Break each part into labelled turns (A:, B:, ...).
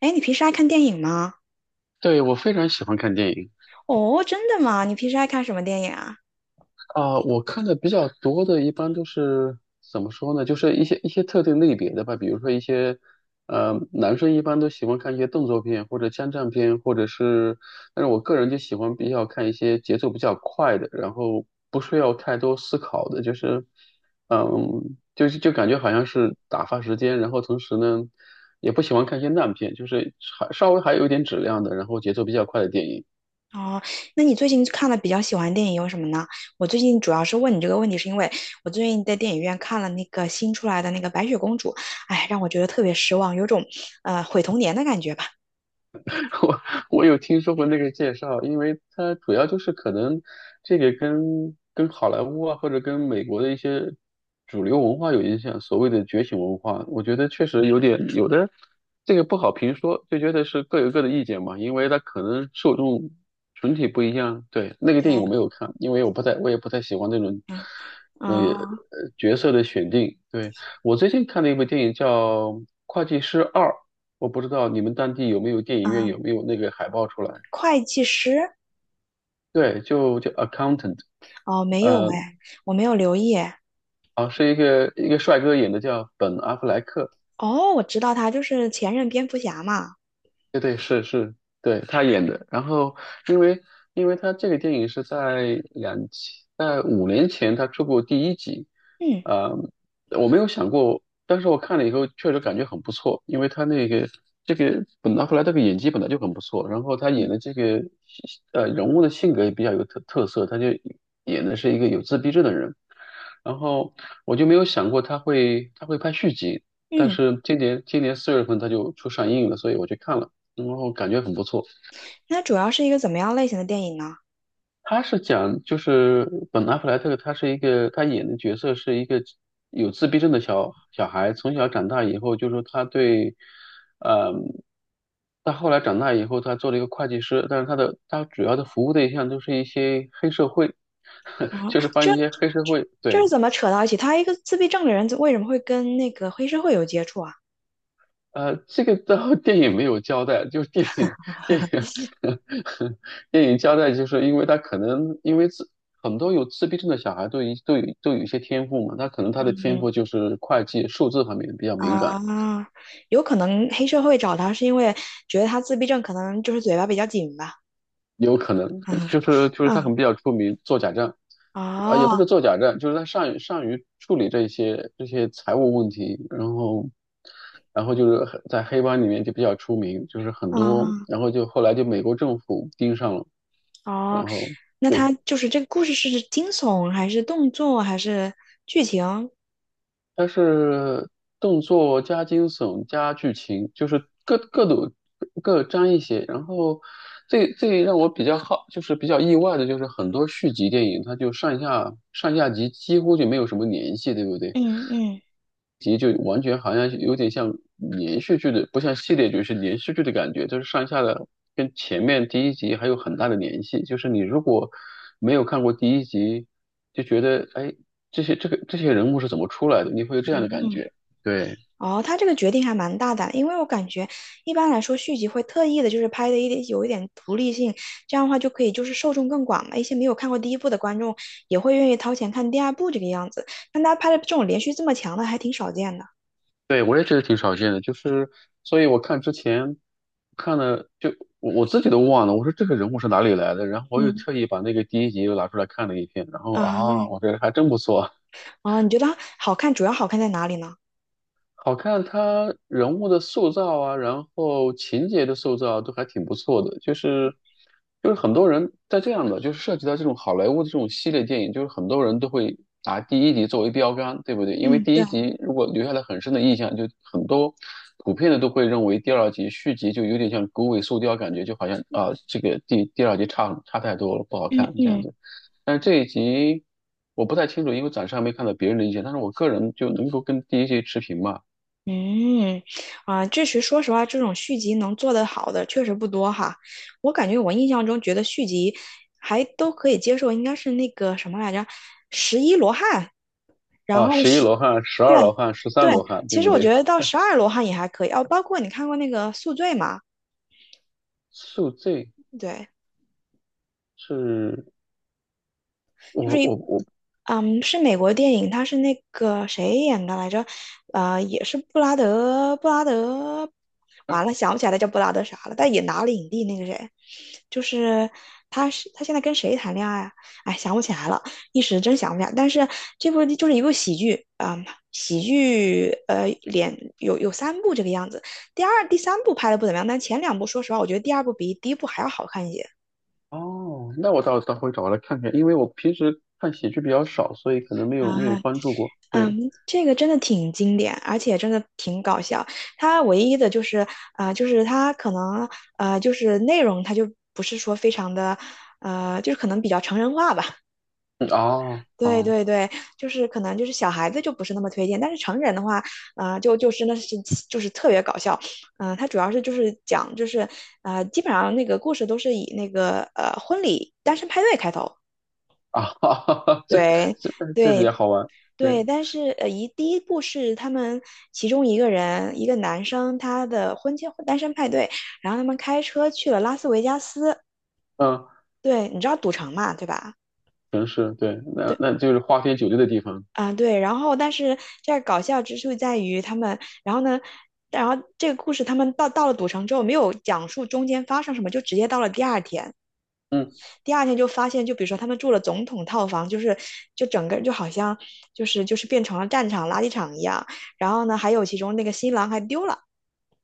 A: 哎，你平时爱看电影吗？
B: 对，我非常喜欢看电影。
A: 哦，真的吗？你平时爱看什么电影啊？
B: 啊，我看的比较多的，一般都是怎么说呢？就是一些特定类别的吧，比如说一些，男生一般都喜欢看一些动作片或者枪战片，或者是，但是我个人就喜欢比较看一些节奏比较快的，然后不需要太多思考的，就感觉好像是打发时间。然后同时呢，也不喜欢看一些烂片，就是还稍微还有一点质量的，然后节奏比较快的电影。
A: 哦，那你最近看的比较喜欢的电影有什么呢？我最近主要是问你这个问题，是因为我最近在电影院看了那个新出来的那个《白雪公主》，哎，让我觉得特别失望，有种毁童年的感觉吧。
B: 我我有听说过那个介绍。因为它主要就是可能这个跟好莱坞啊，或者跟美国的一些主流文化有影响，所谓的觉醒文化。我觉得确实有点有的这个不好评说，就觉得是各有各的意见嘛，因为它可能受众群体不一样。对，那个电影
A: 对，
B: 我没有看，因为我也不太喜欢那种那个
A: 啊
B: 角色的选定。对，我最近看了一部电影叫《会计师二》。我不知道你们当地有没有电影院，
A: 啊，
B: 有没有那个海报出来？
A: 会计师？
B: 对，就叫 Accountant。
A: 哦，没有
B: 呃，
A: 哎，我没有留意哎。
B: 啊，是一个帅哥演的，叫本·阿弗莱克。
A: 哦，我知道他就是前任蝙蝠侠嘛。
B: 对对是是，对他演的。然后因为因为他这个电影是在两千在5年前他出过第一集。
A: 嗯
B: 呃，我没有想过，但是我看了以后确实感觉很不错，因为他那个这个本拿破莱这个演技本来就很不错，然后他演
A: 嗯
B: 的这个人物的性格也比较有特色，他就演的是一个有自闭症的人。然后我就没有想过他会拍续集，但
A: 嗯，
B: 是今年4月份他就出上映了，所以我去看了。然后感觉很不错。
A: 那主要是一个怎么样类型的电影呢？
B: 他是讲就是本阿弗莱特，他演的角色是一个有自闭症的小孩，从小长大以后，就说他，对。嗯，他后来长大以后，他做了一个会计师，但是他的他主要的服务对象都是一些黑社会。
A: 啊，
B: 就是帮一些黑社会，
A: 这
B: 对。
A: 是怎么扯到一起？他一个自闭症的人，为什么会跟那个黑社会有接触啊？
B: 这个到 电影没有交代，就是电影 电影交代，就是因为他可能因为自很多有自闭症的小孩都有一些天赋嘛，他可能他的天赋
A: 嗯
B: 就是会计、数字方面比较敏感。
A: 啊，有可能黑社会找他是因为觉得他自闭症，可能就是嘴巴比较紧吧。
B: 有可能
A: 嗯
B: 就是他
A: 嗯
B: 很比较出名做假账。也不是
A: 哦
B: 做假账，就是他善于处理这些财务问题。然后，然后就是很在黑帮里面就比较出名，就是很多，
A: 哦
B: 然后就后来就美国政府盯上了，
A: 哦，
B: 然后。
A: 那
B: 对，
A: 他就是这个故事是惊悚还是动作还是剧情？
B: 它是动作加惊悚加剧情，就是各沾一些。然后最最让我比较好，就是比较意外的，就是很多续集电影，它就上下集几乎就没有什么联系，对不对？
A: 嗯嗯
B: 集就完全好像有点像连续剧的，不像系列剧，是连续剧的感觉，就是上下的跟前面第一集还有很大的联系。就是你如果没有看过第一集，就觉得哎，这些人物是怎么出来的，你会有这样的感
A: 嗯
B: 觉。对，
A: 哦，他这个决定还蛮大胆，因为我感觉一般来说续集会特意的，就是拍的一点有一点独立性，这样的话就可以就是受众更广嘛，一些没有看过第一部的观众也会愿意掏钱看第二部这个样子。但他拍的这种连续这么强的还挺少见的。
B: 对，我也觉得挺少见的，就是所以我看之前看了就我自己都忘了，我说这个人物是哪里来的，然后我又
A: 嗯
B: 特意把那个第一集又拿出来看了一遍。然后
A: 啊，
B: 啊，我觉得还真不错。
A: 哦，你觉得好看，主要好看在哪里呢？
B: 好看。他人物的塑造啊，然后情节的塑造啊都还挺不错的。就是很多人在这样的，就是涉及到这种好莱坞的这种系列电影，就是很多人都会拿第一集作为标杆，对不对？因为
A: 嗯，
B: 第
A: 对，
B: 一集如果留下了很深的印象，就很多普遍的都会认为第二集续集就有点像狗尾续貂，感觉就好像啊、这个第二集差很差太多了，不好
A: 嗯
B: 看这样
A: 嗯。
B: 子。但是这一集我不太清楚，因为暂时还没看到别人的意见，但是我个人就能够跟第一集持平吧。
A: 嗯，啊，确实，说实话，这种续集能做得好的确实不多哈。我感觉我印象中觉得续集还都可以接受，应该是那个什么来着，十一罗汉，然
B: 啊，
A: 后
B: 十一
A: 十，
B: 罗汉、十二
A: 对
B: 罗汉、十三
A: 对，
B: 罗汉，对
A: 其实
B: 不
A: 我
B: 对？
A: 觉得到十二罗汉也还可以哦，包括你看过那个《宿醉》吗？
B: 宿醉，
A: 对，
B: 是。
A: 就
B: 我
A: 是
B: 我
A: 一，
B: 我，
A: 嗯，是美国电影，它是那个谁演的来着？也是布拉德，完了想不起来他叫布拉德啥了，但也拿了影帝那个谁，就是他是他现在跟谁谈恋爱啊？哎，想不起来了，一时真想不起来。但是这部就是一部喜剧，嗯，喜剧，连有三部这个样子，第二、第三部拍的不怎么样，但前两部说实话，我觉得第二部比第一部还要好看一些。
B: 哦，那我回找来看看，因为我平时看喜剧比较少，所以可能没有
A: 啊，
B: 关注过。对，
A: 嗯，这个真的挺经典，而且真的挺搞笑。它唯一的就是，就是它可能，就是内容它就不是说非常的，就是可能比较成人化吧。
B: 嗯，啊啊
A: 对对对，就是可能就是小孩子就不是那么推荐，但是成人的话，啊，就真的是就是特别搞笑。它主要是就是讲就是，基本上那个故事都是以那个婚礼单身派对开头。
B: 啊。这
A: 对，
B: 这这比
A: 对，
B: 较好玩。
A: 对，
B: 对，
A: 但是第一部是他们其中一个人，一个男生，他的婚前单身派对，然后他们开车去了拉斯维加斯，
B: 嗯，
A: 对，你知道赌城嘛，对吧？
B: 城市，对，那
A: 对，
B: 那就是花天酒地的地方。
A: 啊、对，然后但是这儿搞笑之处在于他们，然后呢，然后这个故事他们到了赌城之后，没有讲述中间发生什么，就直接到了第二天，
B: 嗯，
A: 第二天就发现，就比如说他们住了总统套房，就是就整个就好像就是变成了战场垃圾场一样，然后呢，还有其中那个新郎还丢了。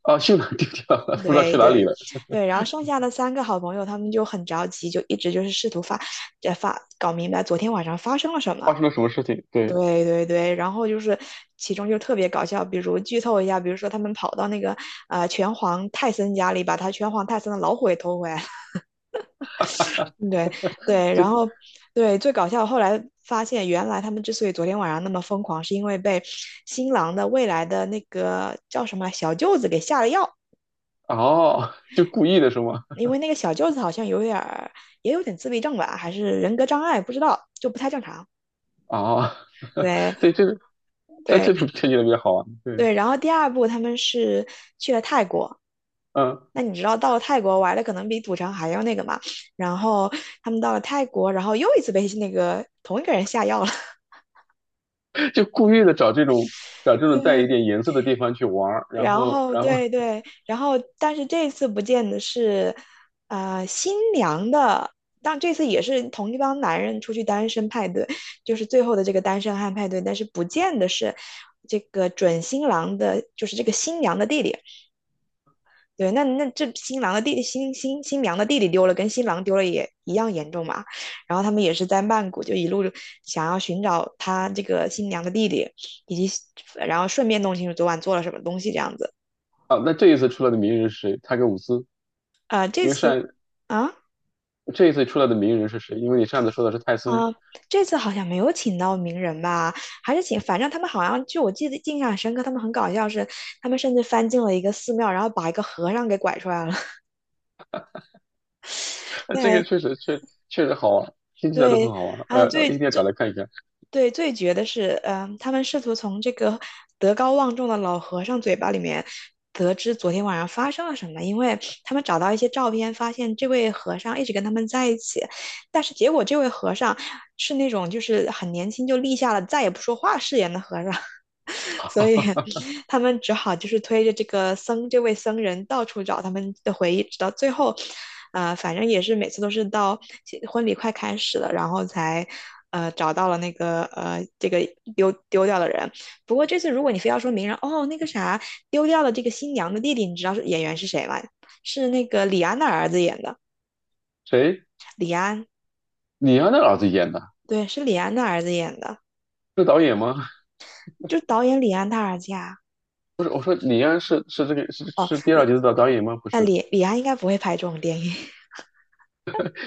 B: 啊，去哪儿丢掉了？不知道
A: 对
B: 去哪里
A: 对
B: 了。
A: 对，然后剩下的三个好朋友，他们就很着急，就一直就是试图发，呃发搞明白昨天晚上发生了什
B: 发
A: 么。
B: 生了什么事情？对，
A: 对对对，然后就是其中就特别搞笑，比如剧透一下，比如说他们跑到那个拳皇泰森家里，把他拳皇泰森的老虎给偷回来了。对 对，
B: 这。
A: 然后对最搞笑，后来发现原来他们之所以昨天晚上那么疯狂，是因为被新郎的未来的那个叫什么来小舅子给下了药。
B: 哦，就故意的是吗？
A: 因为那个小舅子好像有点儿，也有点自闭症吧，还是人格障碍，不知道，就不太正常。
B: 哦，
A: 对
B: 对，这个但这
A: 对
B: 种这就特别好玩，对。
A: 对，然后第二部他们是去了泰国，
B: 嗯，
A: 那你知道到了泰国玩的可能比赌城还要那个嘛？然后他们到了泰国，然后又一次被那个同一个人下药了。
B: 就故意的找这种找这 种带
A: 对
B: 一点颜色的地方去玩儿，然
A: 然
B: 后
A: 后
B: 然后
A: 对对，然后但是这次不见的是，新娘的，但这次也是同一帮男人出去单身派对，就是最后的这个单身汉派对，但是不见的是这个准新郎的，就是这个新娘的弟弟。对，那那这新郎的弟弟，新新新娘的弟弟丢了，跟新郎丢了也一样严重嘛。然后他们也是在曼谷就一路想要寻找他这个新娘的弟弟，以及然后顺便弄清楚昨晚做了什么东西这样子。
B: 啊，那这一次出来的名人是谁？泰格伍兹？
A: 啊，这
B: 因为
A: 次
B: 上
A: 啊
B: 这一次出来的名人是谁？因为你上次说的是泰森。
A: 啊，好像没有请到名人吧？还是请，反正他们好像就我记得印象很深刻，他们很搞笑是，他们甚至翻进了一个寺庙，然后把一个和尚给拐出来了。
B: 这个
A: 对
B: 确实好玩，听起来都很
A: 对，
B: 好玩，我
A: 啊，
B: 要一定要找来看一看。
A: 对，最绝的是，嗯，他们试图从这个德高望重的老和尚嘴巴里面得知昨天晚上发生了什么，因为他们找到一些照片，发现这位和尚一直跟他们在一起，但是结果这位和尚是那种就是很年轻就立下了再也不说话誓言的和尚，所以他们只好就是推着这个僧这位僧人到处找他们的回忆，直到最后，反正也是每次都是到婚礼快开始了，然后才找到了这个丢掉的人。不过这次如果你非要说明人，哦，那个啥丢掉了这个新娘的弟弟，你知道是演员是谁吗？是那个李安的儿子演的，
B: 谁？
A: 李安，
B: 李安的儿子演的？
A: 对，是李安的儿子演的，
B: 是导演吗？
A: 就导演李安他儿子呀。
B: 不是，我说李安是是这个是
A: 哦，
B: 是第二集的导演吗？不
A: 那
B: 是，
A: 李安应该不会拍这种电影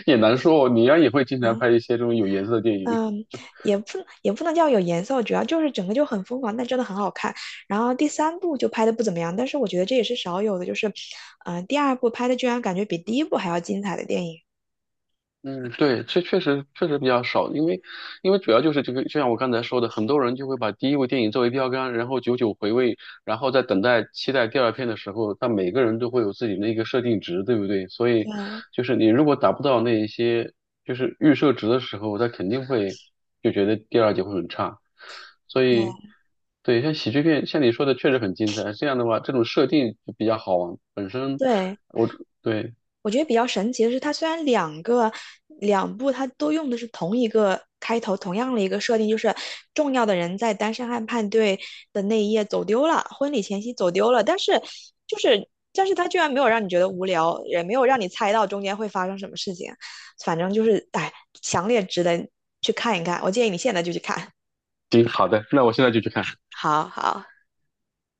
B: 也难说哦，李安也会经常
A: 嗯。
B: 拍 一些这种有颜色的电影。
A: 嗯，也不也不能叫有颜色，主要就是整个就很疯狂，但真的很好看。然后第三部就拍的不怎么样，但是我觉得这也是少有的，就是，第二部拍的居然感觉比第一部还要精彩的电影。
B: 嗯，对。这确实比较少，因为主要就是这个，就像我刚才说的，很多人就会把第一部电影作为标杆，然后久久回味，然后在等待期待第二片的时候，他每个人都会有自己的一个设定值，对不对？所以
A: 对
B: 就是你如果达不到那一些就是预设值的时候，他肯定会就觉得第二集会很差。所以
A: 对。
B: 对，像喜剧片，像你说的确实很精彩。这样的话，这种设定就比较好玩，本身
A: 对，
B: 我。对，
A: 我觉得比较神奇的是，它虽然两部它都用的是同一个开头，同样的一个设定，就是重要的人在单身汉派对的那一夜走丢了，婚礼前夕走丢了，但是它居然没有让你觉得无聊，也没有让你猜到中间会发生什么事情，反正就是哎，强烈值得去看一看，我建议你现在就去看。
B: 行，好的，那我现在就去看。
A: 好好。